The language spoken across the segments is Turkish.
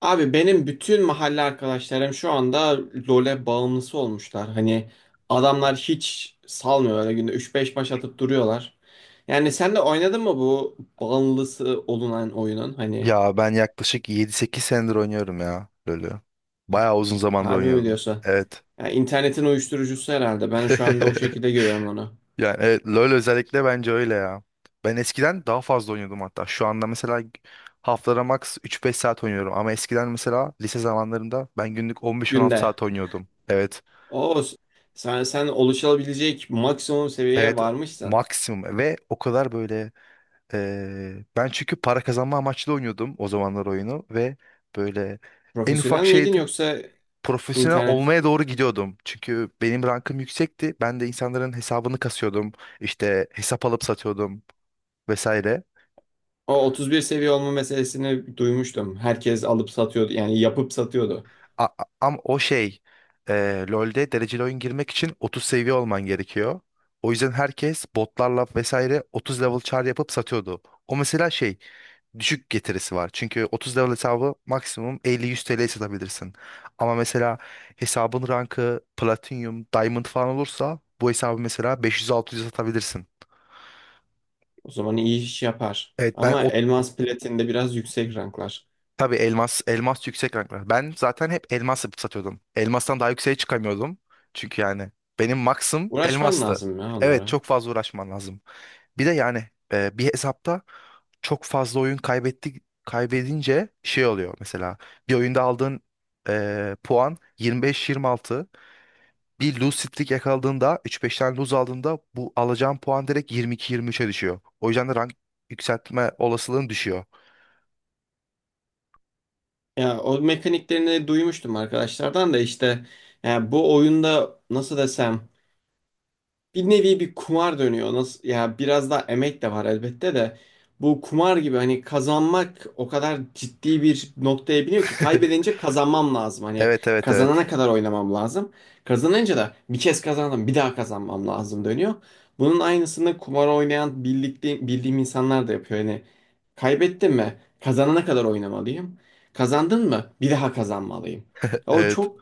Abi benim bütün mahalle arkadaşlarım şu anda LoL'e bağımlısı olmuşlar. Hani adamlar hiç salmıyor öyle günde üç beş baş atıp duruyorlar. Yani sen de oynadın mı bu bağımlısı olunan oyunun? Hani Ya ben yaklaşık yedi sekiz senedir oynuyorum ya LoL'ü. Bayağı uzun zamandır harbi mi oynuyordum. diyorsa? Evet. Yani internetin uyuşturucusu herhalde. Ben şu anda o şekilde görüyorum onu. Yani evet, LoL özellikle bence öyle ya. Ben eskiden daha fazla oynuyordum hatta. Şu anda mesela haftada max üç beş saat oynuyorum. Ama eskiden mesela lise zamanlarında ben günlük 15 on 16 Günde. saat oynuyordum. Evet. O sen oluşabilecek maksimum seviyeye Evet, varmışsın. maksimum ve o kadar böyle ben çünkü para kazanma amaçlı oynuyordum o zamanlar oyunu ve böyle en ufak Profesyonel miydin şeydi, yoksa profesyonel internet. olmaya doğru gidiyordum. Çünkü benim rankım yüksekti. Ben de insanların hesabını kasıyordum. İşte hesap alıp satıyordum vesaire. O 31 seviye olma meselesini duymuştum. Herkes alıp satıyordu yani yapıp satıyordu. Ama o şey, LoL'de dereceli oyun girmek için 30 seviye olman gerekiyor. O yüzden herkes botlarla vesaire 30 level char yapıp satıyordu. O mesela şey, düşük getirisi var. Çünkü 30 level hesabı maksimum 50-100 TL'ye satabilirsin. Ama mesela hesabın rankı platinum, diamond falan olursa bu hesabı mesela 500-600'e satabilirsin. O zaman iyi iş yapar. Evet ben Ama o, elmas platinde biraz yüksek ranklar. tabii elmas elmas yüksek ranklar. Ben zaten hep elmas yapıp satıyordum. Elmastan daha yükseğe çıkamıyordum. Çünkü yani benim maksim Uğraşman elmastı. lazım ya Evet, onlara. çok fazla uğraşman lazım. Bir de yani bir hesapta çok fazla oyun kaybedince şey oluyor mesela, bir oyunda aldığın puan 25-26. Bir lose streak yakaladığında üç 5 tane lose aldığında bu alacağın puan direkt 22-23'e düşüyor. O yüzden de rank yükseltme olasılığın düşüyor. Ya o mekaniklerini duymuştum arkadaşlardan da işte, ya bu oyunda nasıl desem bir nevi bir kumar dönüyor. Nasıl ya, biraz daha emek de var elbette de bu kumar gibi hani kazanmak o kadar ciddi bir noktaya biniyor ki kaybedince kazanmam lazım. Hani Evet, evet, evet. kazanana kadar oynamam lazım. Kazanınca da bir kez kazandım bir daha kazanmam lazım dönüyor. Bunun aynısını kumar oynayan birlikte bildiğim insanlar da yapıyor. Hani kaybettim mi kazanana kadar oynamalıyım. Kazandın mı bir daha kazanmalıyım. O Evet. çok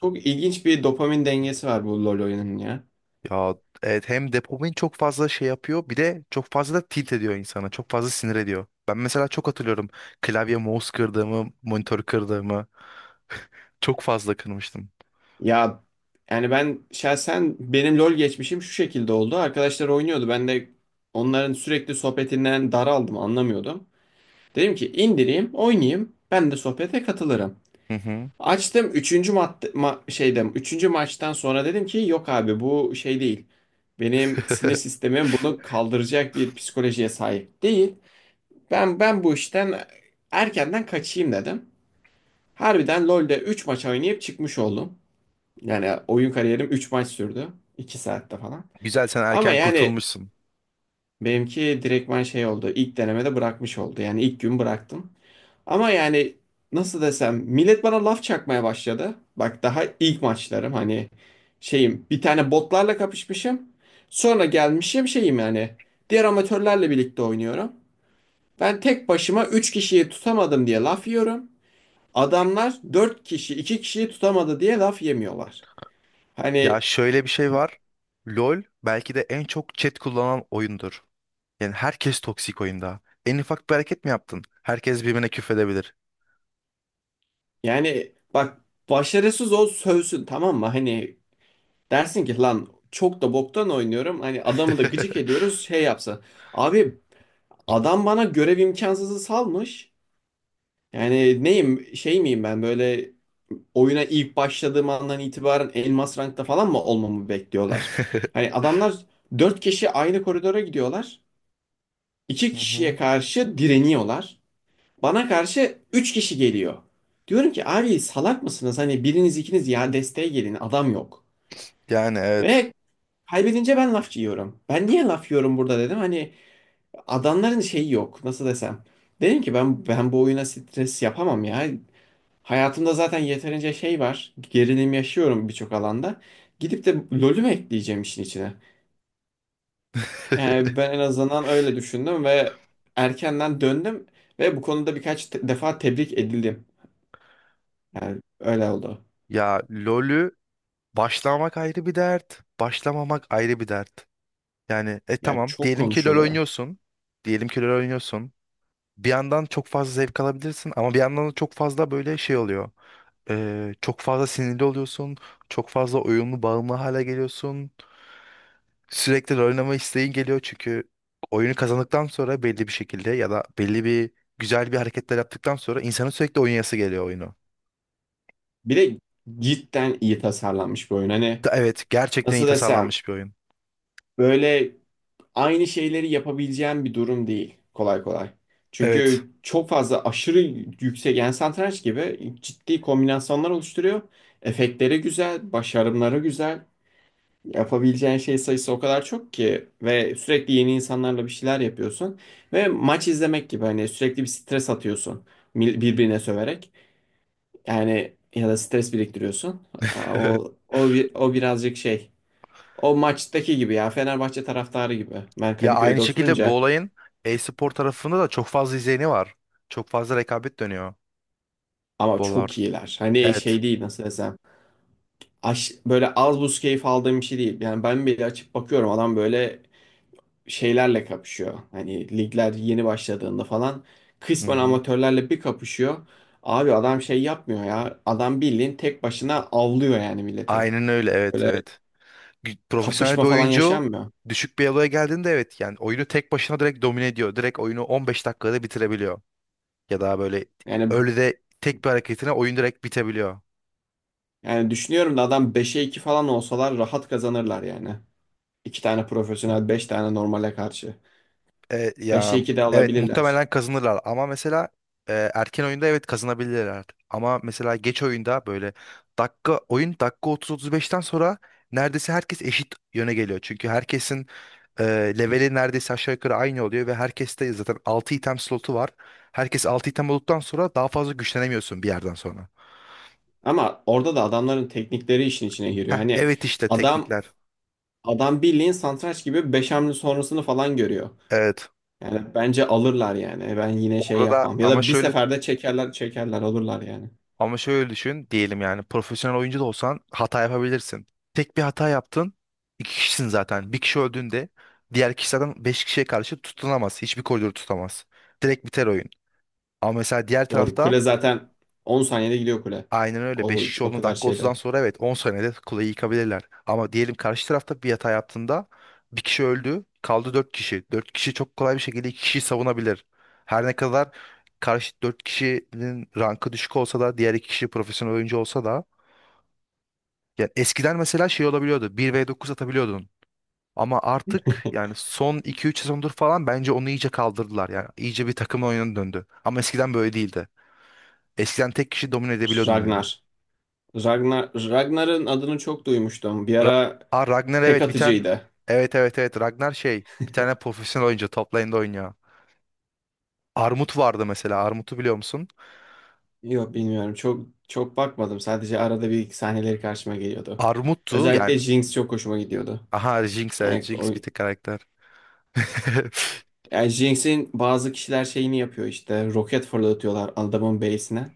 çok ilginç bir dopamin dengesi var bu LoL oyunun ya. Ya evet, hem dopamin çok fazla şey yapıyor, bir de çok fazla da tilt ediyor insana. Çok fazla sinir ediyor. Ben mesela çok hatırlıyorum klavye mouse kırdığımı, monitör kırdığımı, çok fazla kırmıştım. Ya yani ben şahsen, benim LoL geçmişim şu şekilde oldu. Arkadaşlar oynuyordu. Ben de onların sürekli sohbetinden daraldım, anlamıyordum. Dedim ki indireyim, oynayayım. Ben de sohbete katılırım. Hı hı. Açtım, şeyde üçüncü maçtan sonra dedim ki yok abi, bu şey değil. Benim sinir sistemim bunu kaldıracak bir psikolojiye sahip değil. Ben bu işten erkenden kaçayım dedim. Harbiden LoL'de 3 maç oynayıp çıkmış oldum. Yani oyun kariyerim 3 maç sürdü. İki saatte falan. Güzel, sen Ama erken yani kurtulmuşsun. benimki direktman şey oldu. İlk denemede bırakmış oldu. Yani ilk gün bıraktım. Ama yani nasıl desem, millet bana laf çakmaya başladı. Bak daha ilk maçlarım hani, şeyim bir tane botlarla kapışmışım. Sonra gelmişim şeyim yani diğer amatörlerle birlikte oynuyorum. Ben tek başıma 3 kişiyi tutamadım diye laf yiyorum. Adamlar 4 kişi, 2 kişiyi tutamadı diye laf yemiyorlar. Hani Ya şöyle bir şey var. LoL belki de en çok chat kullanan oyundur. Yani herkes toksik oyunda. En ufak bir hareket mi yaptın? Herkes birbirine küfredebilir. yani bak, başarısız ol sövsün, tamam mı? Hani dersin ki lan çok da boktan oynuyorum. Hani adamı da gıcık ediyoruz şey yapsa. Abi, adam bana görev imkansızı salmış. Yani neyim, şey miyim ben böyle oyuna ilk başladığım andan itibaren elmas rankta falan mı olmamı bekliyorlar? Hani adamlar 4 kişi aynı koridora gidiyorlar. İki Hı kişiye hı. karşı direniyorlar. Bana karşı 3 kişi geliyor. Diyorum ki abi salak mısınız? Hani biriniz, ikiniz ya desteğe gelin, adam yok. Yani evet. Ve kaybedince ben laf yiyorum. Ben niye laf yiyorum burada dedim. Hani adamların şeyi yok, nasıl desem. Dedim ki ben bu oyuna stres yapamam ya. Hayatımda zaten yeterince şey var. Gerilim yaşıyorum birçok alanda. Gidip de LoL'ü mü ekleyeceğim işin içine? Yani ben en azından öyle düşündüm ve erkenden döndüm ve bu konuda birkaç defa tebrik edildim. Yani öyle oldu. Ya LoL'ü Başlamak ayrı bir dert, başlamamak ayrı bir dert. Yani Ya tamam, çok diyelim ki LoL konuşuluyor. oynuyorsun. Diyelim ki LoL oynuyorsun. Bir yandan çok fazla zevk alabilirsin ama bir yandan da çok fazla böyle şey oluyor. Çok fazla sinirli oluyorsun. Çok fazla oyunlu bağımlı hale geliyorsun. Sürekli LoL oynama isteğin geliyor çünkü oyunu kazandıktan sonra belli bir şekilde, ya da belli bir güzel bir hareketler yaptıktan sonra insanın sürekli oynayası geliyor oyunu. Bir de cidden iyi tasarlanmış bir oyun. Hani Evet, gerçekten iyi nasıl desem, tasarlanmış bir oyun. böyle aynı şeyleri yapabileceğim bir durum değil kolay kolay. Evet. Çünkü çok fazla, aşırı yüksek yani satranç gibi ciddi kombinasyonlar oluşturuyor. Efektleri güzel, başarımları güzel. Yapabileceğin şey sayısı o kadar çok ki ve sürekli yeni insanlarla bir şeyler yapıyorsun. Ve maç izlemek gibi hani sürekli bir stres atıyorsun, birbirine söverek. Yani ya da stres biriktiriyorsun. Aa, o birazcık şey. O maçtaki gibi ya, Fenerbahçe taraftarı gibi. Ben Ya aynı Kadıköy'de şekilde bu oturunca olayın e-spor tarafında da çok fazla izleyeni var. Çok fazla rekabet dönüyor ama bollarda. çok iyiler. Hani Evet. şey değil, nasıl desem. Böyle az buz keyif aldığım bir şey değil. Yani ben bile açıp bakıyorum adam böyle şeylerle kapışıyor. Hani ligler yeni başladığında falan Hı kısmen hı. amatörlerle bir kapışıyor. Abi adam şey yapmıyor ya. Adam bildiğin tek başına avlıyor yani milleti. Aynen öyle, evet, Böyle evet. Profesyonel kapışma bir falan oyuncu yaşanmıyor. düşük bir eloya geldiğinde evet yani oyunu tek başına direkt domine ediyor. Direkt oyunu 15 dakikada bitirebiliyor. Ya da böyle Yani öyle de tek bir hareketine oyun direkt bitebiliyor. Yani düşünüyorum da adam 5'e 2 falan olsalar rahat kazanırlar yani. İki tane profesyonel, 5 tane normale karşı. 5'e Ya 2 de evet, alabilirler. muhtemelen kazanırlar ama mesela erken oyunda evet kazanabilirler. Ama mesela geç oyunda böyle dakika 30-35'ten sonra neredeyse herkes eşit yöne geliyor. Çünkü herkesin e, leveli neredeyse aşağı yukarı aynı oluyor ve herkeste zaten 6 item slotu var. Herkes 6 item olduktan sonra daha fazla güçlenemiyorsun bir yerden sonra. Ama orada da adamların teknikleri işin içine giriyor. Hani Evet, işte adam teknikler. adam bildiğin satranç gibi 5 hamle sonrasını falan görüyor. Evet. Yani bence alırlar yani. Ben yine şey Orada da yapmam. Ya ama da bir şöyle seferde çekerler çekerler alırlar yani. Ama şöyle düşün, diyelim yani profesyonel oyuncu da olsan hata yapabilirsin. Tek bir hata yaptın. İki kişisin zaten. Bir kişi öldüğünde diğer kişi zaten beş kişiye karşı tutunamaz. Hiçbir koridoru tutamaz. Direkt biter oyun. Ama mesela diğer Doğru. tarafta Kule zaten 10 saniyede gidiyor kule. aynen öyle. Beş O, kişi o olduğunda kadar dakika 30'dan şeyde. sonra evet 10 saniyede kuleyi yıkabilirler. Ama diyelim karşı tarafta bir hata yaptığında bir kişi öldü. Kaldı dört kişi. Dört kişi çok kolay bir şekilde iki kişiyi savunabilir. Her ne kadar karşı dört kişinin rankı düşük olsa da diğer iki kişi profesyonel oyuncu olsa da, ya eskiden mesela şey olabiliyordu, bir v dokuz atabiliyordun. Ama artık yani son iki üç sezondur falan bence onu iyice kaldırdılar. Yani iyice bir takım oyununa döndü. Ama eskiden böyle değildi. Eskiden tek kişi domine edebiliyordun oyunu. Ragnar. Ragnar'ın adını çok duymuştum. Bir Ra ara Ragnar, tek evet, bir tane. atıcıydı. Evet evet evet, Ragnar şey. Bir tane profesyonel oyuncu top lane'de oynuyor. Armut vardı mesela. Armut'u biliyor musun? Yok bilmiyorum. Çok çok bakmadım. Sadece arada bir iki sahneleri karşıma geliyordu. Armut'tu yani. Özellikle Jinx çok hoşuma gidiyordu. Aha, Jinx, evet, Yani o Jinx bir tek karakter. Yani Jinx'in bazı kişiler şeyini yapıyor işte. Roket fırlatıyorlar adamın base'ine.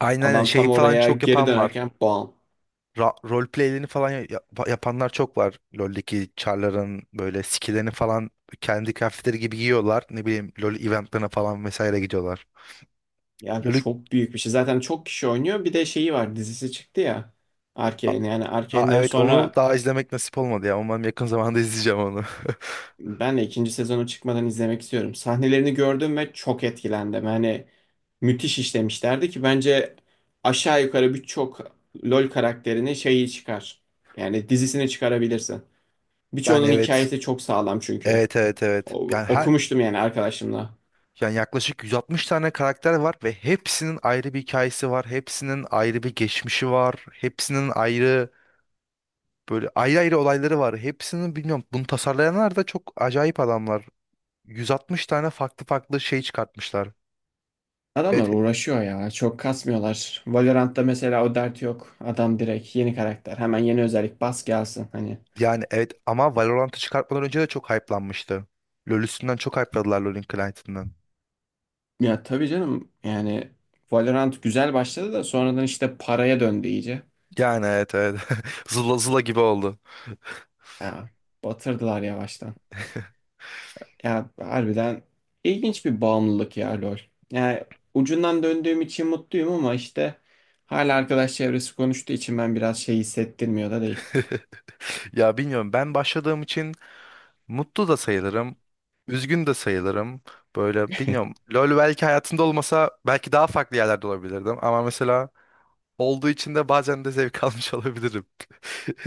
Aynen aynen, Adam şey tam falan oraya çok geri yapan var. dönerken bam. Rol playlerini falan yapanlar çok var. LoL'deki char'ların böyle skill'lerini falan kendi kıyafetleri gibi giyiyorlar. Ne bileyim LoL eventlerine falan vesaire gidiyorlar. Ya LoL'ü çok büyük bir şey. Zaten çok kişi oynuyor. Bir de şeyi var, dizisi çıktı ya. A- Arcane. Yani Aa, Arcane'den evet onu sonra daha izlemek nasip olmadı ya. Umarım yakın zamanda izleyeceğim onu. ben de ikinci sezonu çıkmadan izlemek istiyorum. Sahnelerini gördüm ve çok etkilendim. Hani müthiş işlemişlerdi ki bence aşağı yukarı birçok LoL karakterini şeyi çıkar. Yani dizisini çıkarabilirsin. Yani Birçoğunun evet. hikayesi çok sağlam çünkü. Evet evet evet. Yani her Okumuştum yani arkadaşımla. yani yaklaşık 160 tane karakter var ve hepsinin ayrı bir hikayesi var. Hepsinin ayrı bir geçmişi var. Hepsinin ayrı, böyle ayrı ayrı olayları var. Hepsinin bilmiyorum, bunu tasarlayanlar da çok acayip adamlar. 160 tane farklı farklı şey çıkartmışlar. Adamlar Evet uğraşıyor ya. Çok kasmıyorlar. Valorant'ta mesela o dert yok. Adam direkt yeni karakter. Hemen yeni özellik bas gelsin. Hani yani evet, ama Valorant'ı çıkartmadan önce de çok hype'lanmıştı. LoL üstünden çok hype'ladılar LoL'ün client'ından. ya tabii canım yani, Valorant güzel başladı da sonradan işte paraya döndü iyice. Yani evet, evet. Zula zula gibi oldu. Ya batırdılar yavaştan. Ya harbiden ilginç bir bağımlılık ya LoL. Yani ucundan döndüğüm için mutluyum ama işte hala arkadaş çevresi konuştuğu için ben biraz şey hissettirmiyor da değil. Ya bilmiyorum, ben başladığım için mutlu da sayılırım. Üzgün de sayılırım. Böyle bilmiyorum. LoL belki hayatımda olmasa belki daha farklı yerlerde olabilirdim. Ama mesela olduğu için de bazen de zevk almış olabilirim.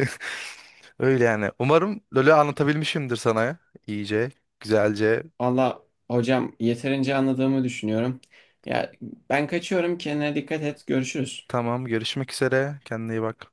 Öyle yani. Umarım LoL'ü anlatabilmişimdir sana iyice, güzelce. Valla hocam yeterince anladığımı düşünüyorum. Ya ben kaçıyorum, kendine dikkat et, görüşürüz. Tamam, görüşmek üzere. Kendine iyi bak.